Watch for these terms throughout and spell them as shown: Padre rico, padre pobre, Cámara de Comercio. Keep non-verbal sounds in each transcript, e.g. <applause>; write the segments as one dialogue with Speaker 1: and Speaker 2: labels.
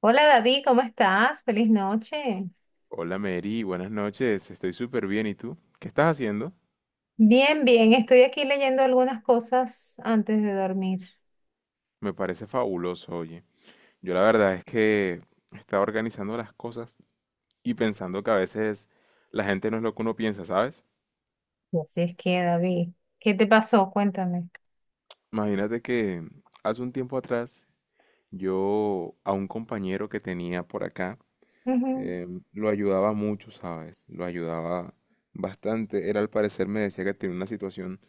Speaker 1: Hola David, ¿cómo estás? Feliz noche.
Speaker 2: Hola Mary, buenas noches, estoy súper bien. ¿Y tú? ¿Qué estás haciendo?
Speaker 1: Bien, bien, estoy aquí leyendo algunas cosas antes de dormir.
Speaker 2: Me parece fabuloso, oye. Yo la verdad es que estaba organizando las cosas y pensando que a veces la gente no es lo que uno piensa, ¿sabes?
Speaker 1: Así es que, David, ¿qué te pasó? Cuéntame.
Speaker 2: Imagínate que hace un tiempo atrás yo a un compañero que tenía por acá
Speaker 1: Ujú.
Speaker 2: lo ayudaba mucho, ¿sabes? Lo ayudaba bastante. Él al parecer me decía que tenía una situación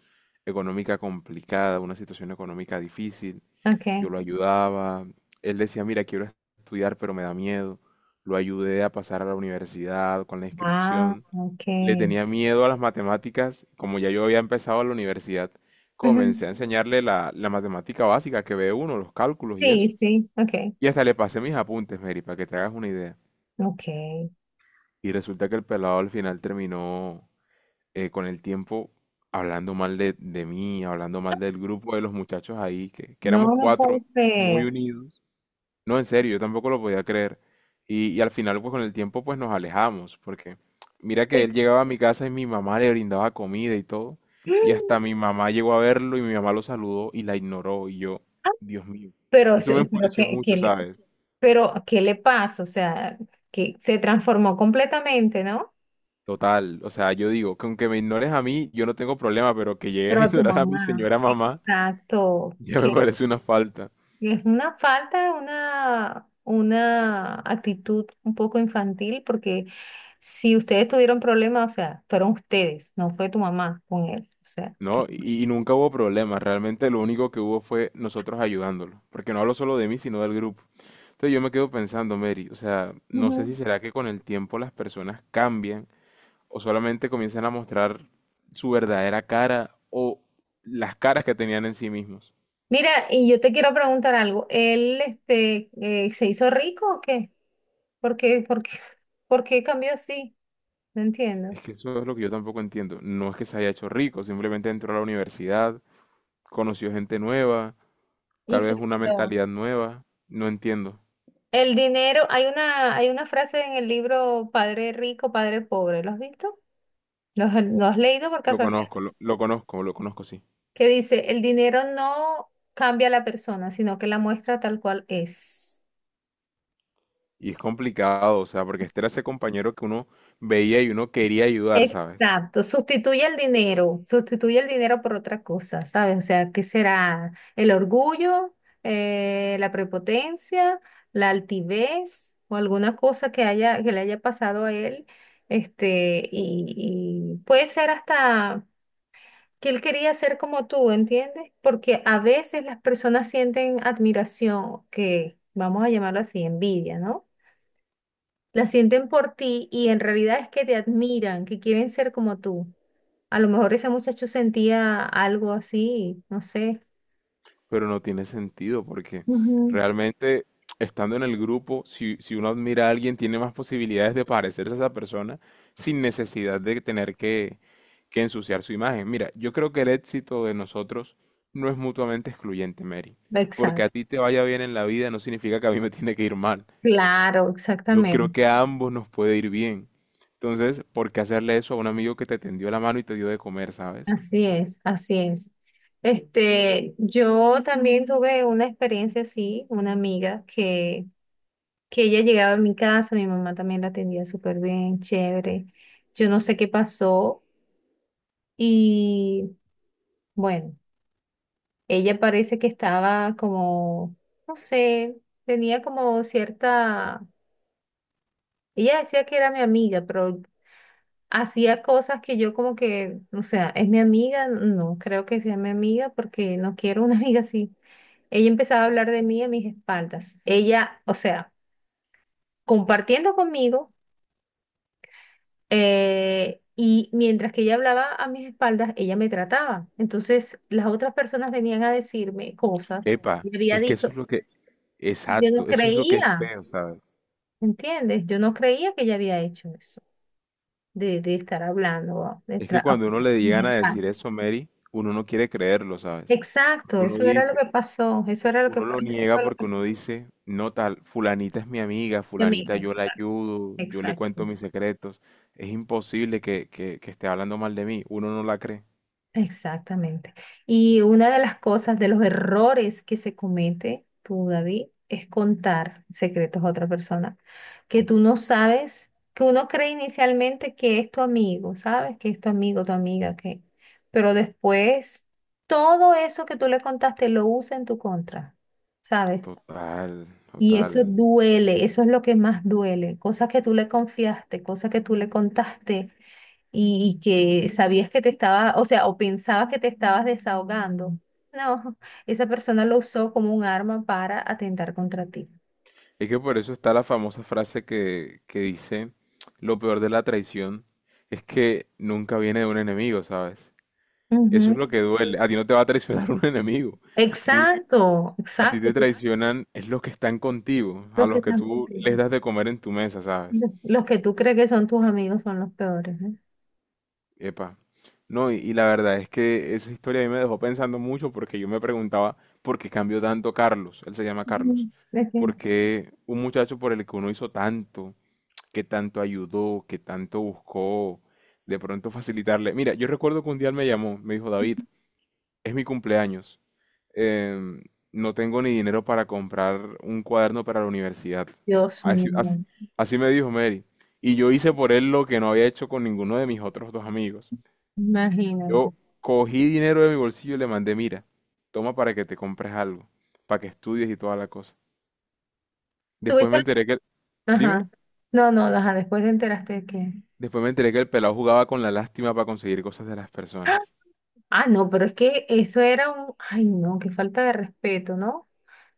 Speaker 2: económica complicada, una situación económica difícil. Yo
Speaker 1: Ok.
Speaker 2: lo ayudaba. Él decía, mira, quiero estudiar, pero me da miedo. Lo ayudé a pasar a la universidad con la
Speaker 1: Ah,
Speaker 2: inscripción.
Speaker 1: ok.
Speaker 2: Le tenía miedo a las matemáticas. Como ya yo había empezado la universidad,
Speaker 1: Ujú.
Speaker 2: comencé a enseñarle la matemática básica que ve uno, los cálculos y eso.
Speaker 1: Sí, sí, ok.
Speaker 2: Y hasta le pasé mis apuntes, Mary, para que te hagas una idea.
Speaker 1: Ok.
Speaker 2: Y resulta que el pelado al final terminó, con el tiempo, hablando mal de mí, hablando mal del grupo de los muchachos ahí, que
Speaker 1: No,
Speaker 2: éramos
Speaker 1: no
Speaker 2: cuatro
Speaker 1: puedo
Speaker 2: muy
Speaker 1: creer.
Speaker 2: unidos. No, en serio, yo tampoco lo podía creer. Y al final, pues con el tiempo, pues nos alejamos, porque mira que
Speaker 1: Uy,
Speaker 2: él llegaba a mi casa y mi mamá le brindaba comida y todo. Y hasta mi
Speaker 1: <gasps>
Speaker 2: mamá llegó a verlo y mi mamá lo saludó y la ignoró. Y yo,
Speaker 1: ah.
Speaker 2: Dios mío, eso me
Speaker 1: Pero
Speaker 2: enfureció mucho, ¿sabes?
Speaker 1: pero, ¿qué le pasa? O sea, que se transformó completamente, ¿no?
Speaker 2: Total, o sea, yo digo, que aunque me ignores a mí, yo no tengo problema, pero que llegues
Speaker 1: Pero
Speaker 2: a <laughs>
Speaker 1: a tu
Speaker 2: ignorar a mi
Speaker 1: mamá.
Speaker 2: señora mamá,
Speaker 1: Exacto.
Speaker 2: ya me parece una falta,
Speaker 1: Es una falta, una actitud un poco infantil, porque si ustedes tuvieron problemas, o sea, fueron ustedes, no fue tu mamá con él. O sea, que...
Speaker 2: ¿no? Y nunca hubo problema, realmente lo único que hubo fue nosotros ayudándolo, porque no hablo solo de mí, sino del grupo. Entonces yo me quedo pensando, Mary, o sea, no sé si
Speaker 1: Ujú.
Speaker 2: será que con el tiempo las personas cambian o solamente comienzan a mostrar su verdadera cara o las caras que tenían en sí mismos.
Speaker 1: Mira, y yo te quiero preguntar algo. ¿Él, se hizo rico o qué? ¿Por qué <laughs> por qué cambió así? No entiendo.
Speaker 2: Es que eso es lo que yo tampoco entiendo. No es que se haya hecho rico, simplemente entró a la universidad, conoció gente nueva,
Speaker 1: Y
Speaker 2: tal
Speaker 1: se
Speaker 2: vez una
Speaker 1: olvidó.
Speaker 2: mentalidad nueva. No entiendo.
Speaker 1: El dinero, hay una frase en el libro Padre rico, padre pobre. ¿Lo has visto? Lo has leído por
Speaker 2: Lo
Speaker 1: casualidad?
Speaker 2: conozco, lo conozco, lo conozco, sí.
Speaker 1: Que dice, el dinero no cambia a la persona, sino que la muestra tal cual es.
Speaker 2: Y es complicado, o sea, porque este era ese compañero que uno veía y uno quería ayudar, ¿sabes?
Speaker 1: Exacto, sustituye el dinero por otra cosa, ¿sabes? O sea, ¿qué será? ¿El orgullo, la prepotencia, la altivez o alguna cosa que haya, que le haya pasado a él? Este, y puede ser hasta que él quería ser como tú, ¿entiendes? Porque a veces las personas sienten admiración, que vamos a llamarlo así, envidia, ¿no? La sienten por ti y en realidad es que te admiran, que quieren ser como tú. A lo mejor ese muchacho sentía algo así, no sé.
Speaker 2: Pero no tiene sentido porque
Speaker 1: Ujú.
Speaker 2: realmente estando en el grupo, si uno admira a alguien, tiene más posibilidades de parecerse a esa persona sin necesidad de tener que ensuciar su imagen. Mira, yo creo que el éxito de nosotros no es mutuamente excluyente, Mary. Porque a
Speaker 1: Exacto,
Speaker 2: ti te vaya bien en la vida no significa que a mí me tiene que ir mal.
Speaker 1: claro,
Speaker 2: Yo creo
Speaker 1: exactamente.
Speaker 2: que a ambos nos puede ir bien. Entonces, ¿por qué hacerle eso a un amigo que te tendió la mano y te dio de comer, sabes?
Speaker 1: Así es, así es. Este, yo también tuve una experiencia así, una amiga que ella llegaba a mi casa, mi mamá también la atendía súper bien, chévere. Yo no sé qué pasó y bueno, ella parece que estaba como, no sé, tenía como cierta, ella decía que era mi amiga, pero hacía cosas que yo como que, o sea, ¿es mi amiga? No, creo que sea mi amiga porque no quiero una <laughs> amiga así. Ella empezaba a hablar de mí a mis espaldas. Ella, o sea, compartiendo conmigo. Y mientras que ella hablaba a mis espaldas, ella me trataba. Entonces, las otras personas venían a decirme cosas
Speaker 2: Epa,
Speaker 1: y había
Speaker 2: es que eso
Speaker 1: dicho,
Speaker 2: es lo que,
Speaker 1: yo no
Speaker 2: exacto, eso es lo que es
Speaker 1: creía,
Speaker 2: feo, ¿sabes?
Speaker 1: ¿entiendes? Yo no creía que ella había hecho eso, de estar hablando, de
Speaker 2: Es que
Speaker 1: o
Speaker 2: cuando
Speaker 1: sea,
Speaker 2: uno le llegan
Speaker 1: mis
Speaker 2: a
Speaker 1: espaldas.
Speaker 2: decir eso, Mary, uno no quiere creerlo, ¿sabes? Porque
Speaker 1: Exacto,
Speaker 2: uno
Speaker 1: eso era lo
Speaker 2: dice,
Speaker 1: que pasó, eso era lo que,
Speaker 2: uno lo
Speaker 1: eso
Speaker 2: niega
Speaker 1: fue lo
Speaker 2: porque
Speaker 1: que-
Speaker 2: uno dice, no tal, fulanita es mi amiga,
Speaker 1: mi amiga,
Speaker 2: fulanita yo la
Speaker 1: exacto,
Speaker 2: ayudo, yo le cuento
Speaker 1: exacto.
Speaker 2: mis secretos, es imposible que esté hablando mal de mí, uno no la cree.
Speaker 1: Exactamente. Y una de las cosas, de los errores que se comete, tú, David, es contar secretos a otra persona que tú no sabes, que uno cree inicialmente que es tu amigo, ¿sabes? Que es tu amigo, tu amiga, que... Pero después, todo eso que tú le contaste lo usa en tu contra, ¿sabes?
Speaker 2: Total,
Speaker 1: Y eso
Speaker 2: total.
Speaker 1: duele, eso es lo que más duele. Cosas que tú le confiaste, cosas que tú le contaste y que sabías que te estaba, o sea, o pensabas que te estabas desahogando. No, <laughs> esa persona lo usó como un arma para atentar contra ti.
Speaker 2: Es que por eso está la famosa frase que dice, lo peor de la traición es que nunca viene de un enemigo, ¿sabes? Eso es
Speaker 1: Ujú.
Speaker 2: lo que duele. A ti no te va a traicionar <laughs> un enemigo. A ti,
Speaker 1: Exacto,
Speaker 2: a ti
Speaker 1: exacto.
Speaker 2: te
Speaker 1: tú-
Speaker 2: traicionan es los que están contigo, a
Speaker 1: Los que
Speaker 2: los que
Speaker 1: están
Speaker 2: tú les
Speaker 1: contigo.
Speaker 2: das de comer en tu mesa, ¿sabes?
Speaker 1: Los que tú crees que son tus amigos son los peores, ¿eh?
Speaker 2: Epa. No, y la verdad es que esa historia a mí me dejó pensando mucho porque yo me preguntaba por qué cambió tanto Carlos. Él se llama Carlos.
Speaker 1: Ujú. Es que-
Speaker 2: ¿Por qué un muchacho por el que uno hizo tanto, que tanto ayudó, que tanto buscó, de pronto facilitarle? Mira, yo recuerdo que un día él me llamó, me dijo, David, es mi cumpleaños. em, no tengo ni dinero para comprar un cuaderno para la universidad.
Speaker 1: Dios
Speaker 2: Así, así-
Speaker 1: mío,
Speaker 2: Así me dijo, Mary. Y yo hice por él lo que no había hecho con ninguno de mis otros dos amigos.
Speaker 1: imagínate.
Speaker 2: Yo cogí dinero de mi bolsillo y le mandé, mira, toma para que te compres algo, para que estudies y toda la cosa. Después
Speaker 1: Tuviste,
Speaker 2: me enteré
Speaker 1: la-
Speaker 2: que, dime,
Speaker 1: ajá. No, no, ajá, después te enteraste de que.
Speaker 2: después me enteré que el pelado jugaba con la lástima para conseguir cosas de las
Speaker 1: Ah.
Speaker 2: personas.
Speaker 1: Ah, no, pero es que eso era un, ay, no, qué falta de respeto, ¿no?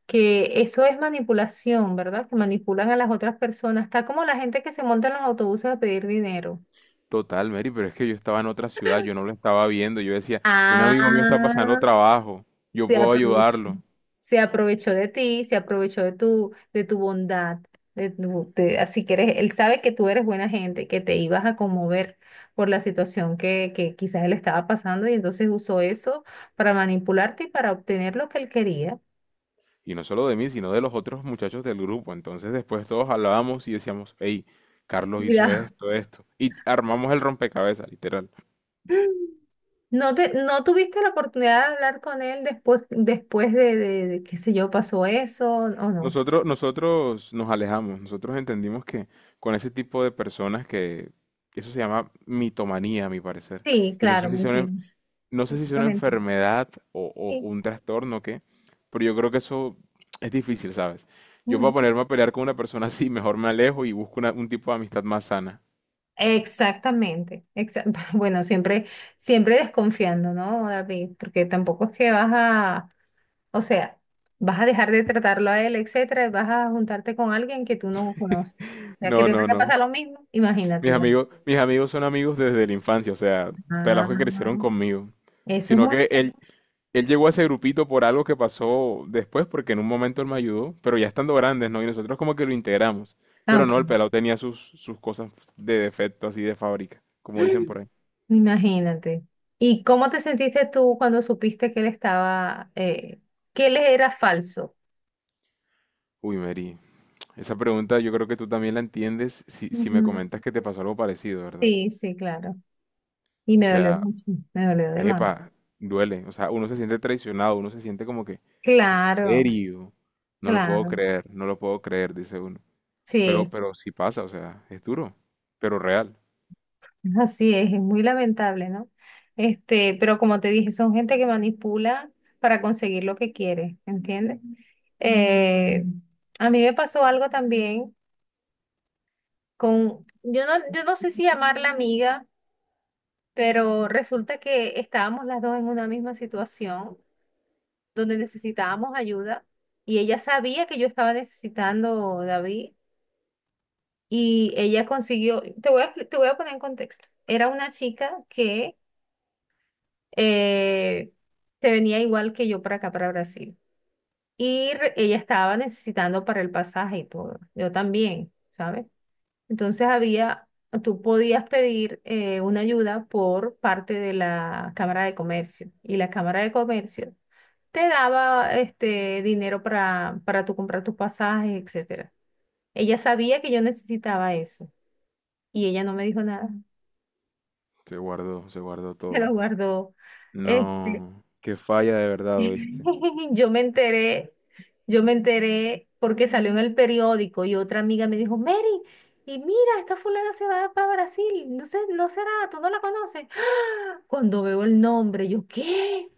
Speaker 1: Que eso es manipulación, ¿verdad? Que manipulan a las otras personas. Está como la gente que se monta en los autobuses a pedir dinero.
Speaker 2: Total, Mary, pero es que yo estaba en otra ciudad, yo no lo estaba viendo, yo decía, un
Speaker 1: Ah,
Speaker 2: amigo mío está pasando trabajo, yo
Speaker 1: se
Speaker 2: puedo
Speaker 1: aprovechó,
Speaker 2: ayudarlo.
Speaker 1: se aprovechó de ti, se aprovechó de tu bondad, de así que eres, él sabe que tú eres buena gente, que te ibas a conmover por la situación que quizás él estaba pasando y entonces usó eso para manipularte y para obtener lo que él quería.
Speaker 2: Y no solo de mí, sino de los otros muchachos del grupo. Entonces después todos hablábamos y decíamos, hey, Carlos hizo
Speaker 1: Mira.
Speaker 2: esto, esto. Y armamos el rompecabezas, literal.
Speaker 1: <laughs> ¿No te, no tuviste la oportunidad de hablar con él después, después de qué sé yo, pasó eso o no?
Speaker 2: Nosotros nos alejamos, nosotros entendimos que con ese tipo de personas que eso se llama mitomanía, a mi parecer.
Speaker 1: Sí,
Speaker 2: Y no
Speaker 1: claro,
Speaker 2: sé si sea una,
Speaker 1: mentimos.
Speaker 2: no sé si sea una
Speaker 1: Exactamente.
Speaker 2: enfermedad o
Speaker 1: Sí.
Speaker 2: un trastorno o qué, pero yo creo que eso es difícil, ¿sabes? Yo para
Speaker 1: Ujú.
Speaker 2: ponerme a pelear con una persona así, mejor me alejo y busco una- un tipo de amistad más sana.
Speaker 1: Exactamente. <laughs> Bueno, siempre, siempre desconfiando, ¿no, David? Porque tampoco es que vas a, o sea, vas a dejar de tratarlo a él, etcétera, y vas a juntarte con alguien que tú no conoces. O sea, que
Speaker 2: No,
Speaker 1: te
Speaker 2: no,
Speaker 1: vaya a
Speaker 2: no.
Speaker 1: pasar lo mismo, imagínate, ¿no?
Speaker 2: Mis amigos son amigos desde la infancia, o sea,
Speaker 1: Ah,
Speaker 2: pelados que crecieron conmigo.
Speaker 1: eso es
Speaker 2: Sino
Speaker 1: muy...
Speaker 2: que él llegó a ese grupito por algo que pasó después, porque en un momento él me ayudó, pero ya estando grandes, ¿no? Y nosotros como que lo integramos.
Speaker 1: Ah,
Speaker 2: Pero
Speaker 1: ok.
Speaker 2: no, el pelado tenía sus cosas de defecto así de fábrica, como dicen por ahí.
Speaker 1: Imagínate. ¿Y cómo te sentiste tú cuando supiste que él estaba, que él era falso?
Speaker 2: Uy, Mary, esa pregunta yo creo que tú también la entiendes si me
Speaker 1: Ujú.
Speaker 2: comentas que te pasó algo parecido, ¿verdad?
Speaker 1: Sí, sí, claro. Y
Speaker 2: O
Speaker 1: me dolió
Speaker 2: sea,
Speaker 1: mucho, me dolió de más.
Speaker 2: epa, duele. O sea, uno se siente traicionado, uno se siente como que, en
Speaker 1: Claro,
Speaker 2: serio, no lo puedo
Speaker 1: claro.
Speaker 2: creer, no lo puedo creer, dice uno. Pero,
Speaker 1: Sí,
Speaker 2: pero sí pasa, o sea, es duro, pero real.
Speaker 1: así es muy lamentable, ¿no? Este, pero como te dije, son gente que manipula para conseguir lo que quiere, ¿entiendes? Eh, a mí me pasó algo también con, yo no, yo no sé si llamarla amiga. Pero resulta que estábamos las dos en una misma situación donde necesitábamos ayuda y ella sabía que yo estaba necesitando, David, y ella consiguió, te voy a, te voy a poner en contexto, era una chica que eh, se venía igual que yo para acá, para Brasil, y ella estaba necesitando para el pasaje y todo, yo también. ¿Sabes? Entonces había, tú podías pedir una ayuda por parte de la Cámara de Comercio y la Cámara de Comercio te daba este dinero para tú comprar tus pasajes, etcétera. Ella sabía que yo necesitaba eso y ella no me dijo nada,
Speaker 2: Se guardó
Speaker 1: <laughs> se lo
Speaker 2: todo.
Speaker 1: guardó. Este,
Speaker 2: No, qué falla de verdad, ¿oíste?
Speaker 1: <laughs> yo me enteré, yo me enteré porque salió en el periódico y otra amiga me dijo, Mary, y mira, esta fulana se va para Brasil, no sé, no será, tú no la conoces. Cuando veo el nombre, yo, ¿qué?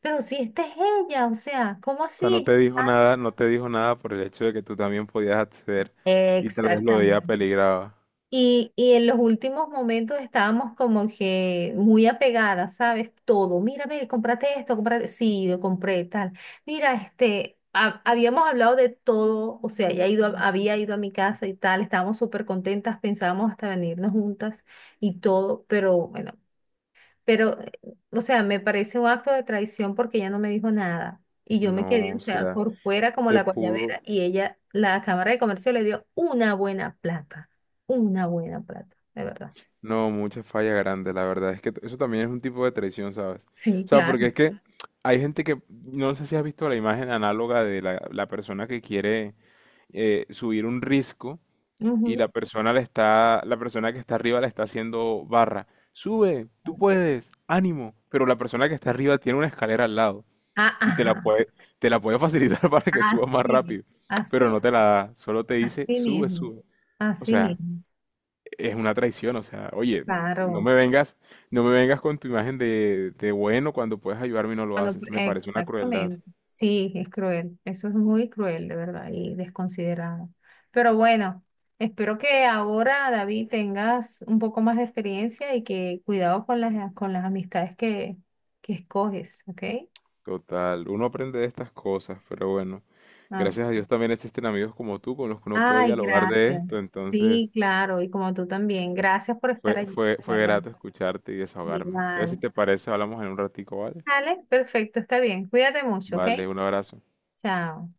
Speaker 1: Pero si esta es ella, o sea, ¿cómo
Speaker 2: O sea, no
Speaker 1: así?
Speaker 2: te dijo nada, no te dijo nada por el hecho de que tú también podías acceder y tal vez lo de
Speaker 1: Exactamente.
Speaker 2: ella peligraba.
Speaker 1: Y en los últimos momentos estábamos como que muy apegadas, ¿sabes? Todo. Mira, ve, cómprate esto, cómprate. Sí, lo compré, tal. Mira, este, habíamos hablado de todo, o sea, ya ido, había ido a mi casa y tal, estábamos súper contentas, pensábamos hasta venirnos juntas y todo, pero bueno. Pero, o sea, me parece un acto de traición porque ella no me dijo nada. Y yo me quedé,
Speaker 2: No,
Speaker 1: o
Speaker 2: o
Speaker 1: sea,
Speaker 2: sea,
Speaker 1: por fuera como
Speaker 2: te
Speaker 1: la
Speaker 2: pudo,
Speaker 1: guayabera y ella, la Cámara de Comercio le dio una buena plata, de verdad.
Speaker 2: no, mucha falla grande, la verdad. Es que t- eso también es un tipo de traición, ¿sabes?
Speaker 1: Sí,
Speaker 2: O sea, porque es
Speaker 1: claro.
Speaker 2: que hay gente que, no sé si has visto la imagen análoga de la persona que quiere subir un risco y
Speaker 1: Ujú.
Speaker 2: la persona le está, la persona que está arriba le está haciendo barra. Sube, tú puedes, ánimo. Pero la persona que está arriba tiene una escalera al lado
Speaker 1: Ah,
Speaker 2: y
Speaker 1: ajá,
Speaker 2: te la puede facilitar <laughs> para que subas más
Speaker 1: así,
Speaker 2: rápido, pero
Speaker 1: así,
Speaker 2: no te la da, solo te dice,
Speaker 1: así
Speaker 2: sube,
Speaker 1: mismo,
Speaker 2: sube. O
Speaker 1: así
Speaker 2: sea,
Speaker 1: mismo.
Speaker 2: es una traición, o sea, oye, no
Speaker 1: Claro.
Speaker 2: me vengas, no me vengas con tu imagen de bueno cuando puedes ayudarme y no lo
Speaker 1: Cuando-
Speaker 2: haces. Me parece una crueldad
Speaker 1: exactamente. Sí, es cruel. Eso es muy cruel, de verdad, y desconsiderado. Pero bueno, espero que ahora, David, tengas un poco más de experiencia y que cuidado con las amistades que escoges, ¿ok?
Speaker 2: total. Uno aprende de estas cosas, pero bueno,
Speaker 1: Así.
Speaker 2: gracias a Dios también existen amigos como tú con los que uno puede
Speaker 1: Ay,
Speaker 2: dialogar de
Speaker 1: gracias.
Speaker 2: esto,
Speaker 1: Sí,
Speaker 2: entonces
Speaker 1: claro, y como tú también. Gracias por estar allí, de
Speaker 2: fue
Speaker 1: ¿verdad?
Speaker 2: grato escucharte y desahogarme. Entonces, si
Speaker 1: Igual.
Speaker 2: te parece, hablamos en un ratico, ¿vale?
Speaker 1: Vale, perfecto, está bien. Cuídate mucho, ¿ok?
Speaker 2: Vale, un abrazo.
Speaker 1: Chao.